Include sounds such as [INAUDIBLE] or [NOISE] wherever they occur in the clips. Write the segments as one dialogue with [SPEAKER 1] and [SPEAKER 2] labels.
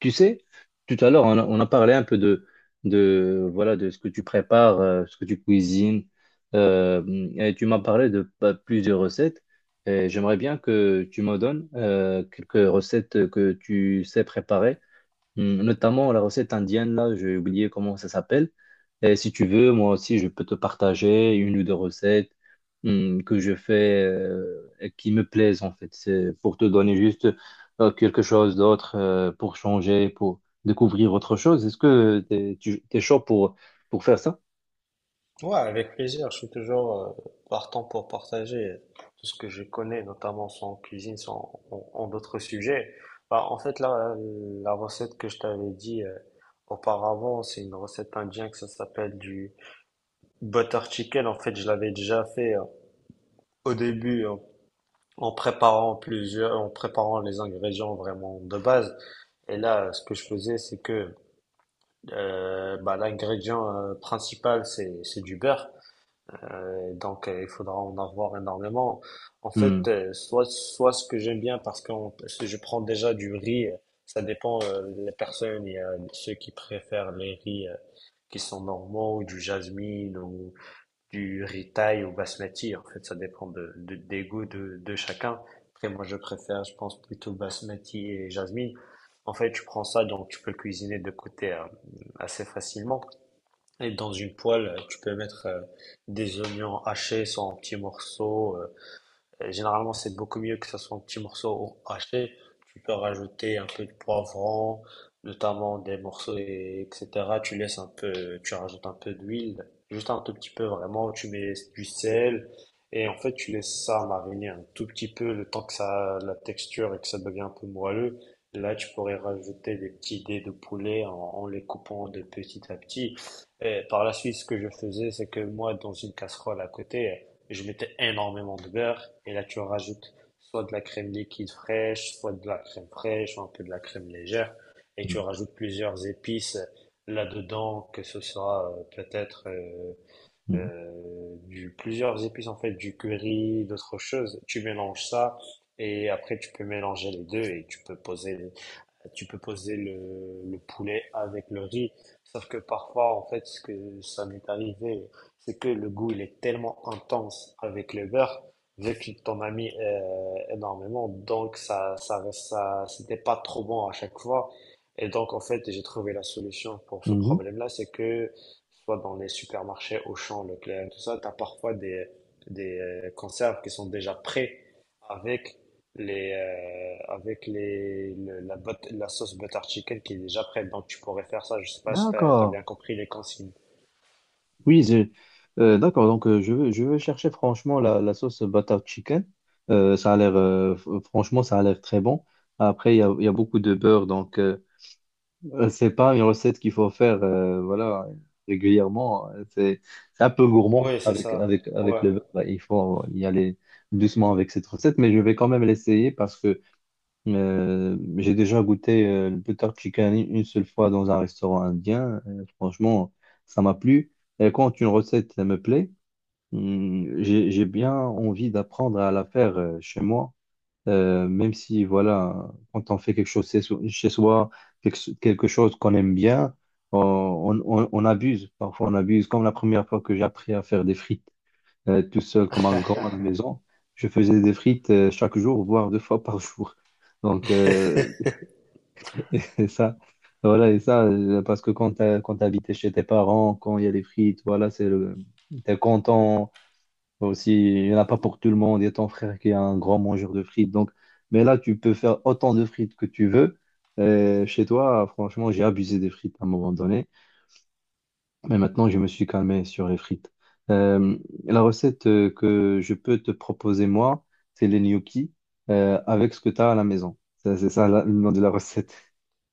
[SPEAKER 1] Tu sais, tout à l'heure, on a parlé un peu voilà, de ce que tu prépares, ce que tu cuisines. Euh, et tu m'as parlé de plusieurs recettes. Et j'aimerais bien que tu me donnes quelques recettes que tu sais préparer. Hmm. Notamment la recette indienne, là, j'ai oublié comment ça s'appelle. Et si tu veux, moi aussi, je peux te partager une ou deux recettes que je fais et qui me plaisent, en fait. C'est pour te donner juste quelque chose d'autre, pour changer, pour découvrir autre chose. Est-ce que tu es chaud pour faire ça?
[SPEAKER 2] Ouais, avec plaisir. Je suis toujours partant pour partager tout ce que je connais, notamment sans cuisine, sans en d'autres sujets. Là, la recette que je t'avais dit auparavant, c'est une recette indienne que ça s'appelle du butter chicken. En fait, je l'avais déjà fait au début en préparant plusieurs, en préparant les ingrédients vraiment de base. Et là, ce que je faisais, c'est que l'ingrédient principal, c'est du beurre. Il faudra en avoir énormément. En fait,
[SPEAKER 1] Hmm.
[SPEAKER 2] soit ce que j'aime bien, parce que je prends déjà du riz, ça dépend les personnes. Il y a ceux qui préfèrent les riz qui sont normaux, ou du jasmine, ou du riz thaï, ou basmati. En fait, ça dépend des goûts de chacun. Après, moi, je préfère, je pense, plutôt basmati et jasmine. En fait, tu prends ça, donc tu peux le cuisiner de côté assez facilement. Et dans une poêle, tu peux mettre des oignons hachés soit en petits morceaux, généralement, c'est beaucoup mieux que ce soit en petits morceaux ou haché. Tu peux rajouter un peu de poivron, notamment des morceaux, etc. Tu laisses un peu, tu rajoutes un peu d'huile, juste un tout petit peu vraiment. Tu mets du sel et en fait, tu laisses ça mariner un tout petit peu le temps que ça, la texture et que ça devient un peu moelleux. Là, tu pourrais rajouter des petits dés de poulet en les coupant de petit à petit. Et par la suite, ce que je faisais, c'est que moi, dans une casserole à côté, je mettais énormément de beurre et là tu rajoutes soit de la crème liquide fraîche, soit de la crème fraîche, un peu de la crème légère et tu
[SPEAKER 1] Mhm.
[SPEAKER 2] rajoutes plusieurs épices là-dedans, que ce soit plusieurs épices en fait, du curry, d'autres choses. Tu mélanges ça et après tu peux mélanger les deux et tu peux poser le poulet avec le riz. Sauf que parfois, en fait, ce que ça m'est arrivé, c'est que le goût, il est tellement intense avec le beurre, vu qu'il t'en a mis énormément, donc ça, c'était pas trop bon à chaque fois. Et donc, en fait, j'ai trouvé la solution pour ce
[SPEAKER 1] Mhm.
[SPEAKER 2] problème-là, c'est que soit dans les supermarchés, Auchan, Leclerc, tout ça, tu as parfois des conserves qui sont déjà prêts avec avec les le- la, but- la sauce butter chicken qui est déjà prête. Donc tu pourrais faire ça, je sais pas si tu as,
[SPEAKER 1] D'accord.
[SPEAKER 2] bien compris les consignes.
[SPEAKER 1] Oui, d'accord. Donc, je veux chercher franchement la sauce butter chicken. Ça a l'air, franchement, ça a l'air très bon. Après, il y a beaucoup de beurre, donc euh, [LAUGHS] c'est pas une recette qu'il faut faire, voilà, régulièrement. C'est un peu gourmand
[SPEAKER 2] Oui, c'est
[SPEAKER 1] avec,
[SPEAKER 2] ça.
[SPEAKER 1] avec
[SPEAKER 2] Ouais.
[SPEAKER 1] le beurre. Il faut y aller doucement avec cette recette, mais je vais quand même l'essayer parce que j'ai déjà goûté le butter chicken une seule fois dans un restaurant indien. Franchement, ça m'a plu. Et quand une recette me plaît, j'ai bien envie d'apprendre à la faire chez moi. Même si, voilà, quand on fait quelque chose chez soi, quelque chose qu'on aime bien, on abuse. Parfois, on abuse. Comme la première fois que j'ai appris à faire des frites tout seul comme un grand à la
[SPEAKER 2] [LAUGHS]
[SPEAKER 1] maison. Je faisais des frites chaque jour, voire deux fois par [LAUGHS] jour. Donc, [LAUGHS] et ça, voilà, et ça, parce que quand t'habitais chez tes parents, quand il y a les frites, voilà, c'est le, t'es content. Aussi, il n'y en a pas pour tout le monde. Il y a ton frère qui est un grand mangeur de frites. Donc, mais là, tu peux faire autant de frites que tu veux. Chez toi, franchement, j'ai abusé des frites à un moment donné. Mais maintenant, je me suis calmé sur les frites. Euh, la recette que je peux te proposer, moi, c'est les gnocchis avec ce que tu as à la maison. C'est ça le nom de la recette.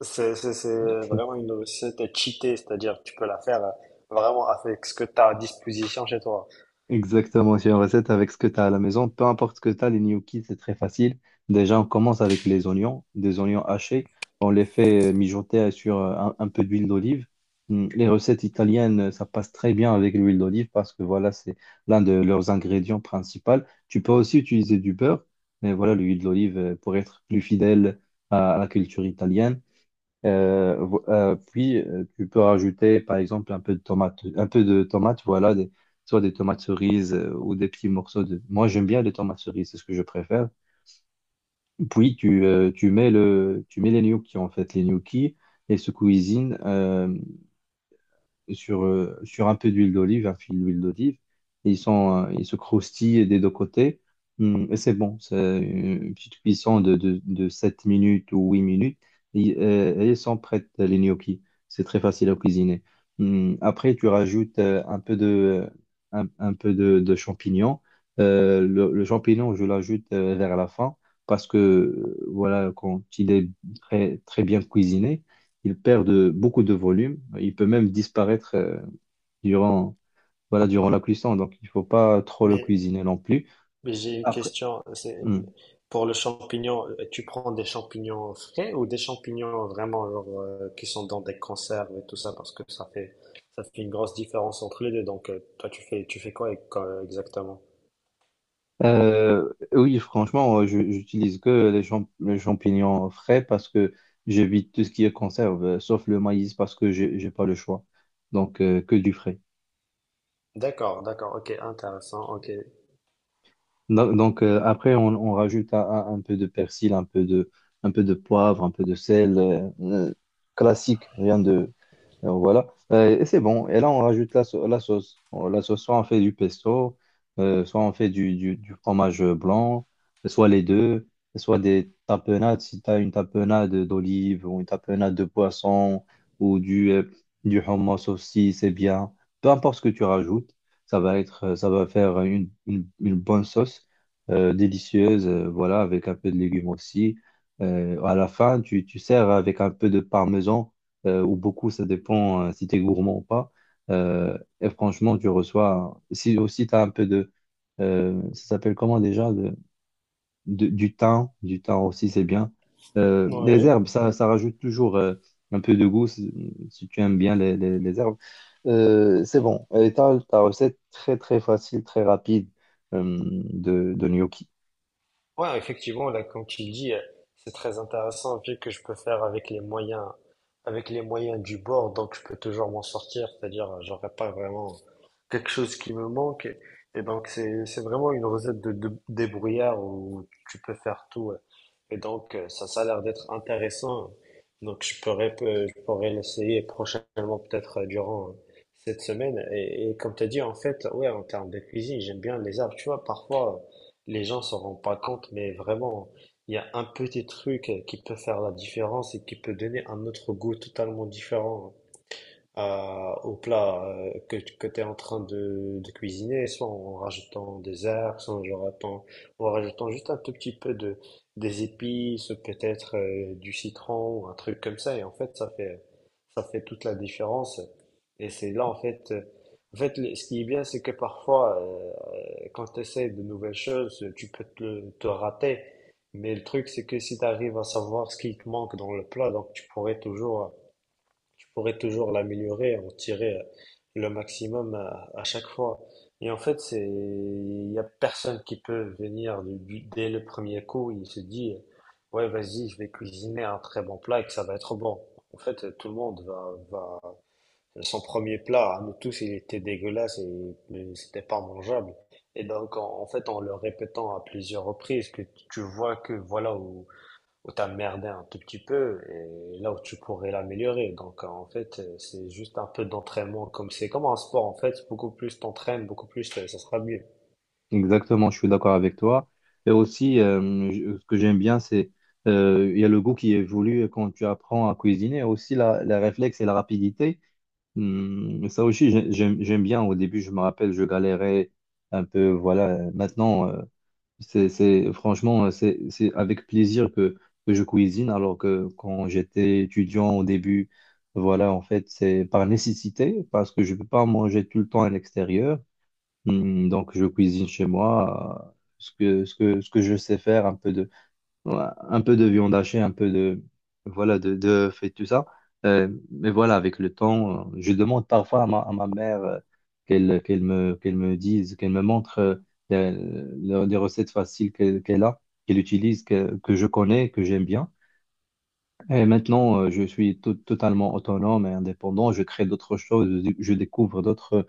[SPEAKER 2] C'est vraiment
[SPEAKER 1] [LAUGHS]
[SPEAKER 2] une recette cheatée, c'est-à-dire que tu peux la faire vraiment avec ce que tu as à disposition chez toi.
[SPEAKER 1] Exactement, c'est une recette avec ce que tu as à la maison. Peu importe ce que tu as, les gnocchis, c'est très facile. Déjà, on commence avec les oignons, des oignons hachés. On les fait mijoter sur un peu d'huile d'olive. Hum. Les recettes italiennes, ça passe très bien avec l'huile d'olive parce que voilà, c'est l'un de leurs ingrédients principaux. Tu peux aussi utiliser du beurre, mais voilà, l'huile d'olive pour être plus fidèle à la culture italienne. Puis tu peux rajouter par exemple un peu de tomate, un peu de tomate, voilà, soit des tomates cerises ou des petits morceaux de. Moi j'aime bien les tomates cerises, c'est ce que je préfère. Tu mets tu mets les gnocchis en fait, les gnocchis et se cuisinent. Sur un peu d'huile d'olive, un fil d'huile d'olive. Et ils sont, ils se croustillent des deux côtés. Et c'est bon. C'est une petite cuisson de 7 minutes ou 8 minutes. Et ils sont prêtes, les gnocchis. C'est très facile à cuisiner. Après, tu rajoutes un peu de, un peu de champignons. Le champignon, je l'ajoute vers la fin parce que, voilà, quand il est très bien cuisiné, il perd de, beaucoup de volume. Il peut même disparaître durant, voilà, durant la cuisson. Donc, il faut pas trop le
[SPEAKER 2] Mais
[SPEAKER 1] cuisiner non plus.
[SPEAKER 2] Mais j'ai une
[SPEAKER 1] Après,
[SPEAKER 2] question, c'est
[SPEAKER 1] hmm.
[SPEAKER 2] pour le champignon, tu prends des champignons frais ou des champignons vraiment genre, qui sont dans des conserves et tout ça parce que ça fait une grosse différence entre les deux. Donc toi tu fais quoi exactement?
[SPEAKER 1] Oui, franchement, j'utilise que les, les champignons frais parce que j'évite tout ce qui est conserve, sauf le maïs parce que j'ai pas le choix. Donc, que du frais.
[SPEAKER 2] D'accord, d'accord, ok, intéressant, ok.
[SPEAKER 1] Après, on rajoute un peu de persil, un peu de poivre, un peu de sel, classique, rien de alors voilà. Et c'est bon. Et là, on rajoute la sauce. La sauce, soit on fait du pesto, soit on fait du fromage blanc, soit les deux, soit des tapenades, si tu as une tapenade d'olive ou une tapenade de poisson ou du hummus aussi, c'est bien. Peu importe ce que tu rajoutes, ça va faire une bonne sauce délicieuse, voilà, avec un peu de légumes aussi. À la fin, tu sers avec un peu de parmesan ou beaucoup, ça dépend si tu es gourmand ou pas. Et franchement, tu reçois, si aussi tu as un peu de, ça s'appelle comment déjà, du thym aussi, c'est bien. Les
[SPEAKER 2] Oui.
[SPEAKER 1] herbes, ça rajoute toujours un peu de goût si tu aimes bien les, les herbes. C'est bon. Et t'as ta recette très très facile, très rapide de gnocchi.
[SPEAKER 2] Ouais, effectivement, là, comme tu le dis, c'est très intéressant vu que je peux faire avec les moyens du bord, donc je peux toujours m'en sortir, c'est-à-dire j'aurais pas vraiment quelque chose qui me manque. Et donc c'est vraiment une recette de débrouillard où tu peux faire tout. Ouais. Et donc ça, ça a l'air d'être intéressant. Donc je pourrais l'essayer prochainement peut-être durant cette semaine. Et comme tu as dit, en fait, ouais, en termes de cuisine, j'aime bien les arbres. Tu vois, parfois les gens s'en rendent pas compte, mais vraiment, il y a un petit truc qui peut faire la différence et qui peut donner un autre goût totalement différent au plat que tu es en train de cuisiner, soit en rajoutant des herbes, soit en le rajoutant, en rajoutant juste un tout petit peu de, des épices, peut-être du citron ou un truc comme ça. Et en fait, ça fait toute la différence. Et c'est là, en fait, ce qui est bien, c'est que parfois, quand tu essaies de nouvelles choses, tu peux te rater. Mais le truc, c'est que si tu arrives à savoir ce qui te manque dans le plat, donc tu pourrais toujours pourrait toujours l'améliorer, en tirer le maximum à chaque fois. Et en fait, c'est, il y a personne qui peut venir dès le premier coup, il se dit, ouais, vas-y, je vais cuisiner un très bon plat et que ça va être bon. En fait, tout le monde son premier plat, à nous tous, il était dégueulasse et c'était pas mangeable. Et donc, en fait, en le répétant à plusieurs reprises, que tu vois que voilà où t'as merdé un tout petit peu et là où tu pourrais l'améliorer. Donc c'est juste un peu d'entraînement comme c'est comme un sport en fait, beaucoup plus t'entraînes, beaucoup plus ça sera mieux.
[SPEAKER 1] Exactement, je suis d'accord avec toi. Et aussi, ce que j'aime bien, c'est il y a le goût qui évolue quand tu apprends à cuisiner. Aussi, la réflexe et la rapidité. Ça aussi, j'aime bien. Au début, je me rappelle, je galérais un peu. Voilà. Maintenant, franchement, c'est avec plaisir que je cuisine. Alors que quand j'étais étudiant au début, voilà, en fait, c'est par nécessité parce que je ne peux pas manger tout le temps à l'extérieur. Hmm. Donc, je cuisine chez moi ce que, ce que je sais faire, un peu de, ouais, un peu de viande hachée, un peu de, voilà, de fait tout ça. Mais voilà, avec le temps, je demande parfois à à ma mère qu'elle me dise, qu'elle me montre les, les recettes faciles qu'elle a, qu'elle utilise, que je connais, que j'aime bien. Et maintenant, je suis totalement autonome et indépendant. Je crée d'autres choses, je découvre d'autres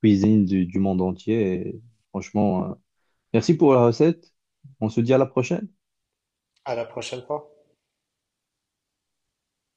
[SPEAKER 1] cuisines du monde entier. Et franchement, merci pour la recette. On se dit à la prochaine.
[SPEAKER 2] À la prochaine fois.